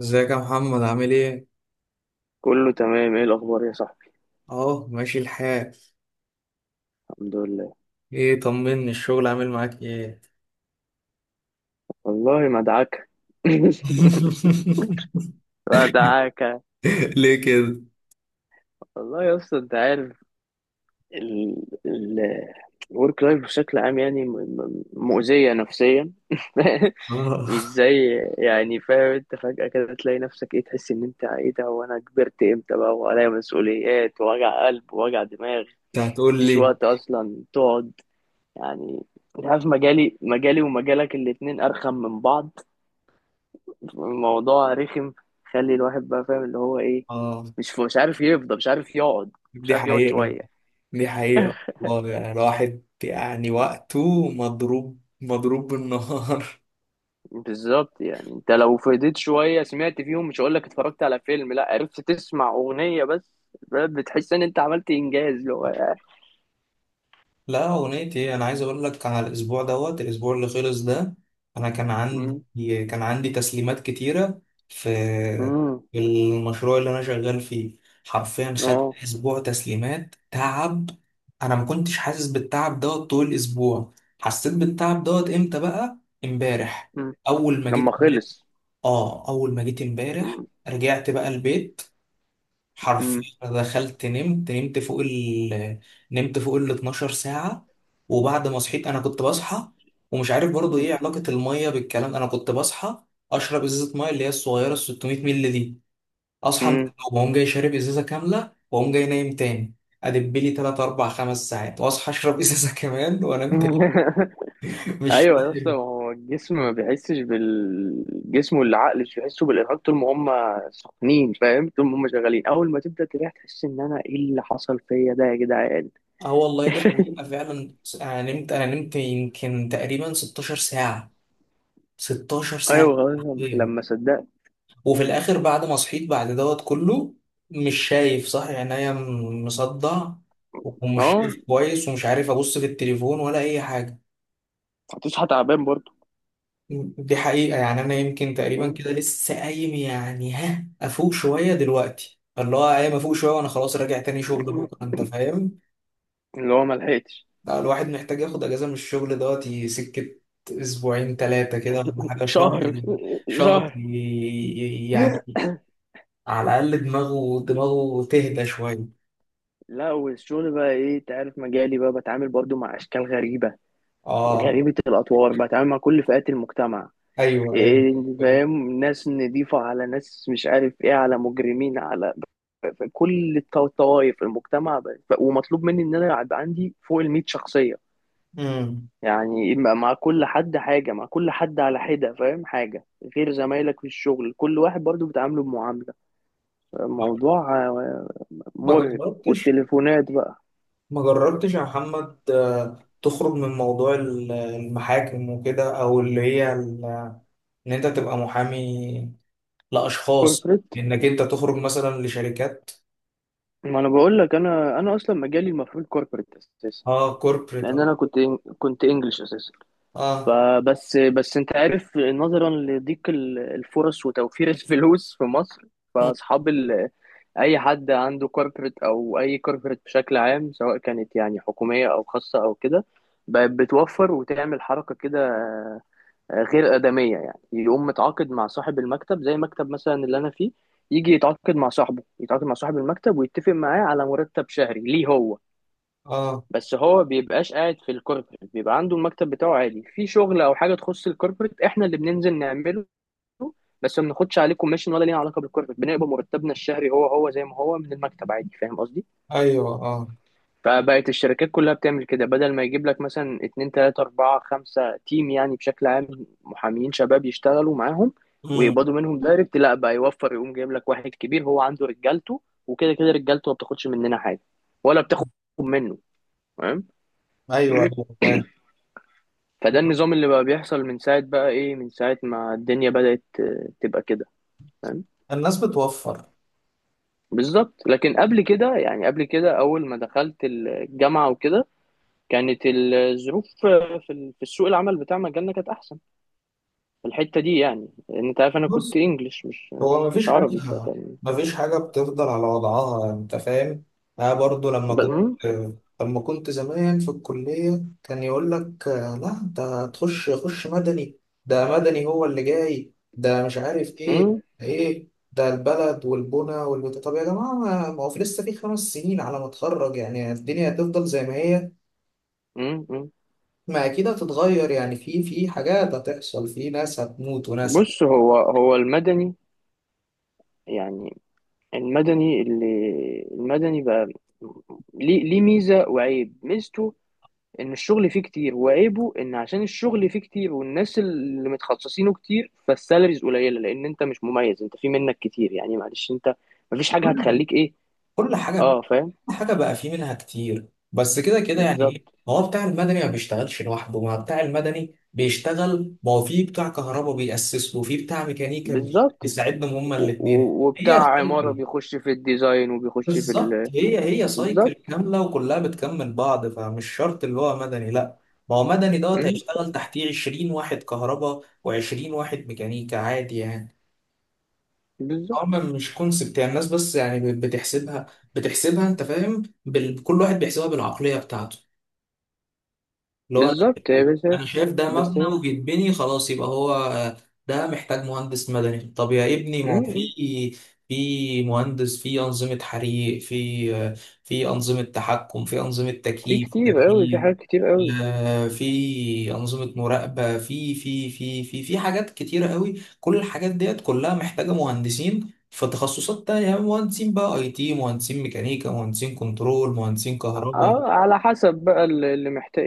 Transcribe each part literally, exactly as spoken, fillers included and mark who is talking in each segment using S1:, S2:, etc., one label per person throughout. S1: ازيك يا محمد، عامل ايه؟
S2: كله تمام. ايه الاخبار يا صاحبي؟
S1: اهو ماشي الحال.
S2: الحمد لله.
S1: ايه، طمني، الشغل عامل معاك ايه؟
S2: والله مدعكه مدعكه.
S1: ليه كده؟
S2: والله يا اسطى انت عارف، ال ال الورك لايف بشكل عام يعني م- م- مؤذيه نفسيا. مش
S1: اه.
S2: زي، يعني، فاهم؟ انت فجاه كده تلاقي نفسك ايه، تحس ان انت ايه ده، وانا كبرت امتى بقى، وعليا مسؤوليات ووجع قلب ووجع دماغ.
S1: انت هتقول
S2: مفيش
S1: لي.
S2: وقت اصلا تقعد، يعني. انت عارف، مجالي مجالي ومجالك الاتنين ارخم من بعض. الموضوع رخم. خلي الواحد بقى فاهم اللي هو ايه.
S1: اه.
S2: مش ف- مش عارف يفضى، مش عارف يقعد، مش
S1: دي
S2: عارف يقعد
S1: حقيقة.
S2: شويه.
S1: دي حقيقة والله، يعني الواحد، يعني وقته مضروب مضروب بالنهار.
S2: بالظبط، يعني انت لو فضيت شويه سمعت فيهم، مش هقول لك اتفرجت على فيلم، لا، عرفت تسمع اغنيه بس، بتحس ان انت عملت انجاز، اللي هو، يعني،
S1: لا، اغنيتي ايه، انا عايز اقول لك على الاسبوع دوت الاسبوع اللي خلص ده. انا كان
S2: مم.
S1: عندي كان عندي تسليمات كتيره في
S2: مم.
S1: المشروع اللي انا شغال فيه. حرفيا خدت
S2: اه.
S1: اسبوع تسليمات تعب. انا ما كنتش حاسس بالتعب دوت طول الاسبوع. حسيت بالتعب دوت امتى بقى؟ امبارح.
S2: مم.
S1: اول ما
S2: لما
S1: جيت ب...
S2: خلص.
S1: اه، اول ما جيت امبارح.
S2: مم.
S1: رجعت بقى البيت. حرفيا
S2: مم.
S1: أنا دخلت نمت نمت فوق ال نمت فوق ال 12 ساعة. وبعد ما صحيت أنا كنت بصحى، ومش عارف برضو إيه علاقة المية بالكلام، أنا كنت بصحى أشرب إزازة مية اللي هي الصغيرة ال 600 مللي دي. أصحى من
S2: مم.
S1: النوم، وأقوم جاي شارب إزازة كاملة، وأقوم جاي نايم تاني. أدب لي تلات أربع خمس ساعات، وأصحى أشرب إزازة كمان، وأنام تاني. مش
S2: ايوه يا اسطى،
S1: فاهم.
S2: هو الجسم ما بيحسش بالجسم، والعقل مش بيحسوا بالارهاق طول ما هم سخنين، فاهم، طول ما هم شغالين. اول ما تبدا تريح تحس ان انا ايه اللي حصل فيا ده يا جدعان.
S1: أه، والله دي حقيقة فعلا، أنا نمت أنا نمت يمكن تقريبا 16 ساعة. 16 ساعة
S2: ايوه خلاص،
S1: حرفياً.
S2: لما صدقت.
S1: وفي الاخر بعد ما صحيت بعد دوت كله، مش شايف صح، عينيا م- مصدع، ومش
S2: اه.
S1: شايف كويس، ومش عارف ابص في التليفون ولا اي حاجه.
S2: هتصحى تعبان برضه.
S1: دي حقيقه، يعني انا يمكن تقريبا كده لسه قايم، يعني ها افوق شويه دلوقتي، اللي هو قايم افوق شويه، وانا خلاص راجع تاني شغل بكره، انت فاهم.
S2: اللي هو ما لحقتش.
S1: لا، الواحد محتاج ياخد اجازه من الشغل دوت ي- سكه، اسبوعين ثلاثه كده، ولا حاجه
S2: شهر.
S1: شهر. شهر ي-
S2: شهر.
S1: ي- يعني. على الاقل دماغه دماغه تهدى شويه.
S2: لا، والشغل بقى ايه، انت عارف مجالي بقى بتعامل برضو مع اشكال غريبه
S1: اه.
S2: غريبه الاطوار، بتعامل مع كل فئات المجتمع.
S1: ايوه. ايوه.
S2: إيه، فاهم، ناس نضيفة على ناس مش عارف ايه، على مجرمين، على ف- كل الط- الطوائف المجتمع ب- ف- ومطلوب مني ان انا يبقى عندي فوق ال مية شخصية.
S1: امم.
S2: يعني مع مع كل حد حاجة، مع كل حد على حدة، فاهم حاجة، غير زمايلك في الشغل كل واحد برضو بتعامله بمعاملة. موضوع آه،
S1: ما
S2: مرهق.
S1: جربتش
S2: والتليفونات بقى.
S1: ما جربتش يا محمد، آه، تخرج من موضوع ال- المحاكم وكده، او اللي هي ال- ان انت تبقى محامي لاشخاص،
S2: كوربريت.
S1: انك انت تخرج مثلا لشركات.
S2: ما انا بقول لك، انا انا اصلا مجالي المفروض كوربريت اساسا.
S1: اه، كوربريت،
S2: لان
S1: اه.
S2: انا كنت إن- كنت انجلش اساسا.
S1: اه.
S2: فبس بس انت عارف نظرا لضيق ال- الفرص وتوفير الفلوس في مصر.
S1: مم.
S2: فاصحاب ال. اي حد عنده كوربريت او اي كوربريت بشكل عام، سواء كانت يعني حكوميه او خاصه او كده، بقت بتوفر وتعمل حركه كده آه، غير ادميه. يعني يقوم متعاقد مع صاحب المكتب، زي مكتب مثلا اللي انا فيه، يجي يتعاقد مع صاحبه، يتعاقد مع صاحب المكتب، ويتفق معاه على مرتب شهري ليه هو.
S1: اه.
S2: بس هو بيبقاش قاعد في الكوربريت، بيبقى عنده المكتب بتاعه عادي. في شغل او حاجه تخص الكوربريت احنا اللي بننزل نعمله. بس ما بناخدش عليه كوميشن، ولا لينا علاقه بالكوربريت. بنقبض مرتبنا الشهري هو هو زي ما هو من المكتب عادي، فاهم قصدي.
S1: ايوه. اه.
S2: فبقت الشركات كلها بتعمل كده، بدل ما يجيب لك مثلا اتنين تلاته اربعه خمسه تيم، يعني بشكل عام محامين شباب يشتغلوا معاهم
S1: امم.
S2: ويقبضوا منهم دايركت، لا بقى يوفر، يقوم جايب لك واحد كبير هو عنده رجالته، وكده كده رجالته ما بتاخدش مننا حاجه ولا بتاخد منه.
S1: ايوه، ايوه، فاهم.
S2: فده النظام اللي بقى بيحصل من ساعة بقى ايه، من ساعة ما الدنيا بدأت آه، تبقى كده، فاهم.
S1: الناس بتوفر.
S2: بالظبط. لكن قبل كده، يعني قبل كده، أول ما دخلت الجامعة وكده، كانت الظروف في في السوق العمل بتاع مجالنا كانت أحسن في الحتة دي، يعني لأن أنت عارف أنا كنت
S1: بص،
S2: إنجليش، مش
S1: هو
S2: مش
S1: مفيش حاجة.
S2: عربي، فكان
S1: مفيش حاجة بتفضل على وضعها، أنت فاهم؟ أنا برضو لما
S2: ب-
S1: كنت
S2: مم.
S1: لما كنت زمان في الكلية كان يقول لك لا، أنت هتخش خش مدني. ده مدني هو اللي جاي ده، مش عارف إيه،
S2: مم.
S1: إيه ده البلد والبنى والبتاع؟ طب يا جماعة، ما ما هو في لسه في خمس سنين على ما أتخرج، يعني الدنيا هتفضل زي ما هي؟
S2: مم. مم.
S1: ما أكيد هتتغير، يعني في في حاجات هتحصل، في ناس هتموت وناس هت-
S2: بص، هو هو المدني، يعني المدني اللي، المدني بقى ليه، ليه ميزة وعيب. ميزته ان الشغل فيه كتير، وعيبه ان عشان الشغل فيه كتير والناس اللي متخصصينه كتير فالسالاريز قليله، لان انت مش مميز، انت في منك كتير، يعني معلش انت مفيش حاجه
S1: كل
S2: هتخليك ايه.
S1: كل حاجة
S2: اه فاهم.
S1: حاجة بقى فيه منها كتير، بس كده كده يعني، ايه،
S2: بالظبط.
S1: ما هو بتاع المدني ما بيشتغلش لوحده، ما بتاع المدني بيشتغل، ما هو فيه بتاع كهرباء بيأسس له وفيه بتاع ميكانيكا
S2: بالظبط.
S1: بيساعدهم هما
S2: و-
S1: الاتنين.
S2: و-
S1: هي
S2: وبتاع عماره
S1: سايكل.
S2: بيخش في الديزاين وبيخش في
S1: بالظبط،
S2: ال.
S1: هي هي سايكل
S2: بالظبط.
S1: كاملة وكلها بتكمل بعض، فمش شرط اللي هو مدني لا. ما هو مدني دوت
S2: مم،
S1: هيشتغل تحتيه 20 واحد كهرباء و20 واحد ميكانيكا عادي يعني. هما
S2: بالظبط.
S1: مش كونسبت يعني، الناس بس يعني بتحسبها. بتحسبها انت فاهم، بال... كل واحد بيحسبها بالعقلية بتاعته. اللي هو انا
S2: بالظبط هي
S1: شايف
S2: بس،
S1: أنا شايف ده
S2: بس
S1: مبنى
S2: هي،
S1: وبيتبني خلاص يبقى هو ده محتاج مهندس مدني. طب يا ابني، ما هو
S2: مم،
S1: في في مهندس في انظمه حريق، في في انظمه تحكم، في انظمه
S2: في
S1: تكييف
S2: كتير قوي، في
S1: وتبريد،
S2: حاجات كتير قوي.
S1: آه، في انظمه مراقبه، في في في في في حاجات كتيره قوي. كل الحاجات ديت كلها محتاجه مهندسين في تخصصات تانية، مهندسين بقى اي تي، مهندسين ميكانيكا، مهندسين كنترول، مهندسين كهرباء.
S2: اه، على حسب بقى اللي محتاج،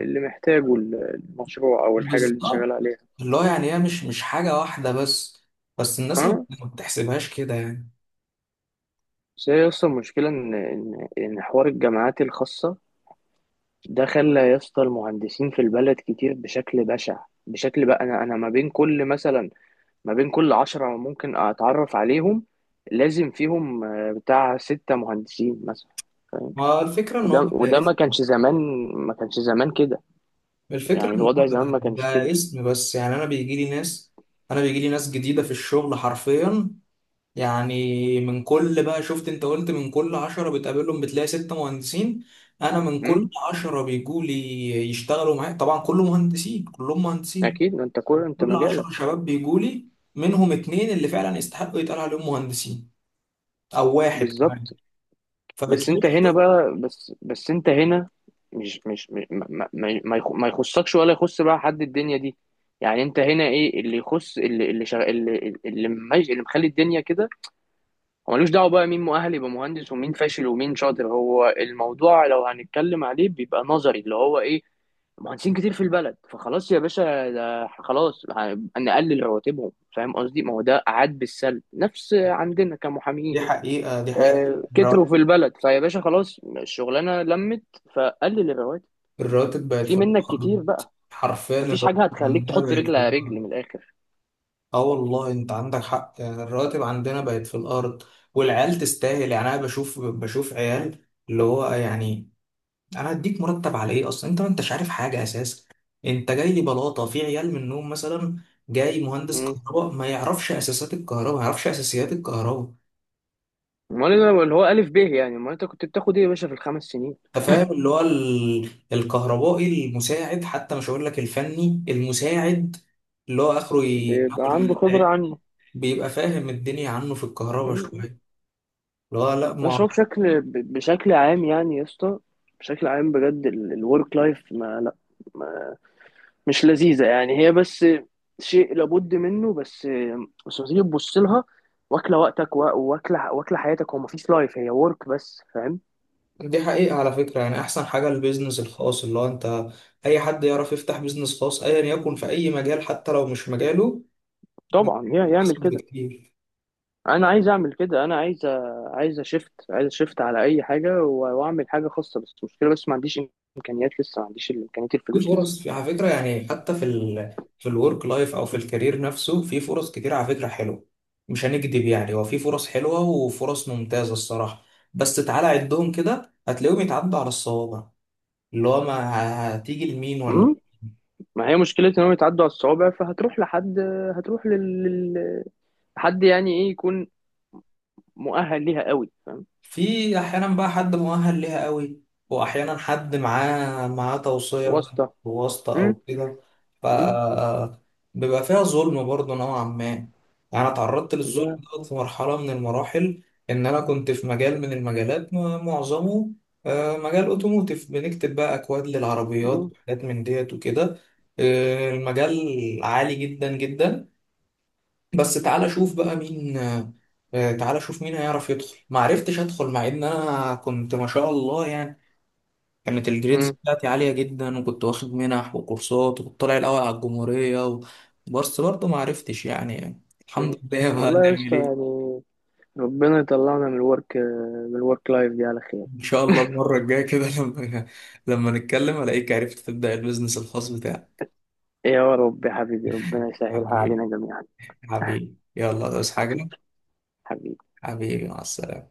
S2: اللي محتاجه المشروع او الحاجه اللي انت شغال
S1: بالظبط.
S2: عليها.
S1: اللي هو يعني هي مش مش حاجة واحدة بس. بس الناس ما
S2: اه،
S1: ما بتحسبهاش كده يعني.
S2: بس هي يا اسطى، المشكلة إن إن إن حوار الجامعات الخاصة ده خلى يا اسطى المهندسين في البلد كتير بشكل بشع. بشكل بقى أنا أنا ما بين كل مثلا، ما بين كل عشرة ممكن أتعرف عليهم لازم فيهم آه، بتاع ستة مهندسين مثلا، فاهم.
S1: ما الفكرة ان هو
S2: وده
S1: بقى
S2: وده ما
S1: اسم.
S2: كانش زمان، ما كانش زمان كده.
S1: الفكرة
S2: يعني
S1: ان هو
S2: الوضع زمان
S1: بقى
S2: ما كانش كده.
S1: بقى اسم بس يعني، انا بيجي لي ناس انا بيجي لي ناس جديدة في الشغل حرفيا. يعني من كل بقى، شفت انت قلت من كل عشرة بتقابلهم بتلاقي ستة مهندسين. انا من كل
S2: امم.
S1: عشرة بيجوا لي يشتغلوا معايا، طبعا كله مهندسين، كلهم مهندسين.
S2: أكيد، ما أنت كل أنت
S1: كل عشرة
S2: مجالك.
S1: شباب بيجوا لي، منهم اتنين اللي فعلا يستحقوا يتقال عليهم مهندسين، او واحد كمان.
S2: بالظبط. بس انت هنا
S1: فبتلاقي.
S2: بقى، بس بس انت هنا مش مش م- ما, ما, ما يخ- ما يخصكش ولا يخص بقى حد الدنيا دي. يعني انت هنا ايه اللي يخص، اللي اللي شغ... اللي اللي, مج... اللي مخلي الدنيا كده. هو ملوش دعوه بقى مين مؤهل يبقى مهندس ومين فاشل ومين شاطر. هو الموضوع لو هنتكلم عليه بيبقى نظري، اللي هو ايه، مهندسين كتير في البلد، فخلاص يا باشا، ده خلاص ه- نقلل رواتبهم، فاهم قصدي. ما هو ده عاد بالسلب نفس عندنا
S1: دي
S2: كمحامين
S1: حقيقه، دي حقيقه.
S2: آه،
S1: الرا-
S2: كتروا في البلد، فيا باشا خلاص الشغلانه لمت. فقلل الرواتب.
S1: الراتب بقت
S2: في
S1: في
S2: منك كتير
S1: الأرض.
S2: بقى.
S1: حرفيا
S2: مفيش حاجه
S1: الراتب
S2: هتخليك
S1: عندنا
S2: تحط
S1: بقت
S2: رجل
S1: في
S2: على رجل
S1: الأرض.
S2: من الاخر.
S1: اه، والله انت عندك حق، يعني الراتب عندنا بقت في الارض. والعيال تستاهل، يعني انا بشوف بشوف عيال اللي هو يعني، انا هديك مرتب على ايه اصلا؟ انت ما انتش عارف حاجه اساسا. انت جاي لي بلاطه في عيال منهم مثلا، جاي مهندس
S2: مم.
S1: كهرباء ما يعرفش اساسات الكهرباء ما يعرفش اساسيات الكهرباء.
S2: امال أنا- اللي هو الف ب، يعني امال انت كنت بتاخد ايه يا باشا في الخمس سنين؟
S1: انت فاهم، اللي هو ال- الكهربائي المساعد، حتى مش هقول لك الفني المساعد، اللي هو اخره ي-
S2: بيبقى
S1: ياكل
S2: عنده
S1: حتة
S2: خبره
S1: عيش.
S2: عنه.
S1: بيبقى فاهم الدنيا عنه في الكهرباء
S2: مم.
S1: شويه. اللي هو لا
S2: بس هو
S1: ما.
S2: بشكل ب- بشكل عام يعني يا اسطى، بشكل عام بجد الورك لايف ما، لا، مش لذيذة، يعني هي بس شيء لابد منه، بس بس لما تيجي تبص لها واكلة وقتك، وا- واكلة واكلة حياتك، هو مفيش لايف، هي ورك بس، فاهم.
S1: دي حقيقه على فكره، يعني احسن حاجه البيزنس الخاص، اللي هو انت، اي حد يعرف يفتح بيزنس خاص ايا يكن في اي مجال، حتى لو مش مجاله،
S2: طبعا هي يعمل
S1: احسن
S2: كده.
S1: بكتير.
S2: انا عايز اعمل كده. انا عايز أ- عايز اشفت عايز اشفت على اي حاجة و- واعمل حاجة خاصة، بس المشكلة بس ما عنديش امكانيات لسه، ما عنديش امكانيات،
S1: في
S2: الفلوس لسه.
S1: فرص، في على فكرة يعني، حتى في ال في الورك لايف أو في الكارير نفسه، في فرص كتير على فكرة حلوة. مش هنكدب يعني، هو في فرص حلوة وفرص ممتازة الصراحة. بس تعالى عدهم كده، هتلاقيهم يتعدوا على الصوابع. اللي هو ما هتيجي لمين ولا؟
S2: مم. ما هي مشكلة انهم يتعدوا على الصوابع، فهتروح لحد، هتروح لل... لل- حد يعني ايه، يكون مؤهل ليها قوي، فاهم.
S1: في احيانا بقى حد مؤهل ليها قوي، واحيانا حد معاه معاه توصيه بقى،
S2: واسطة.
S1: أو واسطه او
S2: مم.
S1: كده، ف
S2: مم.
S1: بيبقى فيها ظلم برضه نوعا ما يعني. انا اتعرضت للظلم
S2: والله.
S1: ده في مرحله من المراحل، ان انا كنت في مجال من المجالات م- معظمه، آه، مجال اوتوموتيف، بنكتب بقى اكواد للعربيات
S2: مم.
S1: وحاجات من ديت وكده. آه، المجال عالي جدا جدا. بس تعالى شوف بقى مين، آه، آه، تعالى شوف مين هيعرف يدخل. ما عرفتش ادخل، مع ان انا كنت ما شاء الله يعني، كانت الجريدز
S2: مم.
S1: بتاعتي عالية جدا، وكنت واخد منح وكورسات، وكنت طالع الاول على الجمهورية و... بس برضه ما عرفتش يعني. الحمد
S2: مم.
S1: لله، بقى
S2: والله يا
S1: نعمل
S2: اسطى،
S1: ايه؟
S2: يعني ربنا يطلعنا من الورك، من الورك لايف دي على خير.
S1: ان شاء الله المرة الجاية كده، لما لما نتكلم الاقيك عرفت تبدأ البيزنس الخاص بتاعك.
S2: إيه، يا رب يا حبيبي، ربنا يسهلها
S1: حبيبي.
S2: علينا جميعا.
S1: حبيبي يلا بس حاجة.
S2: حبيبي. حبيبي.
S1: حبيبي، مع السلامة.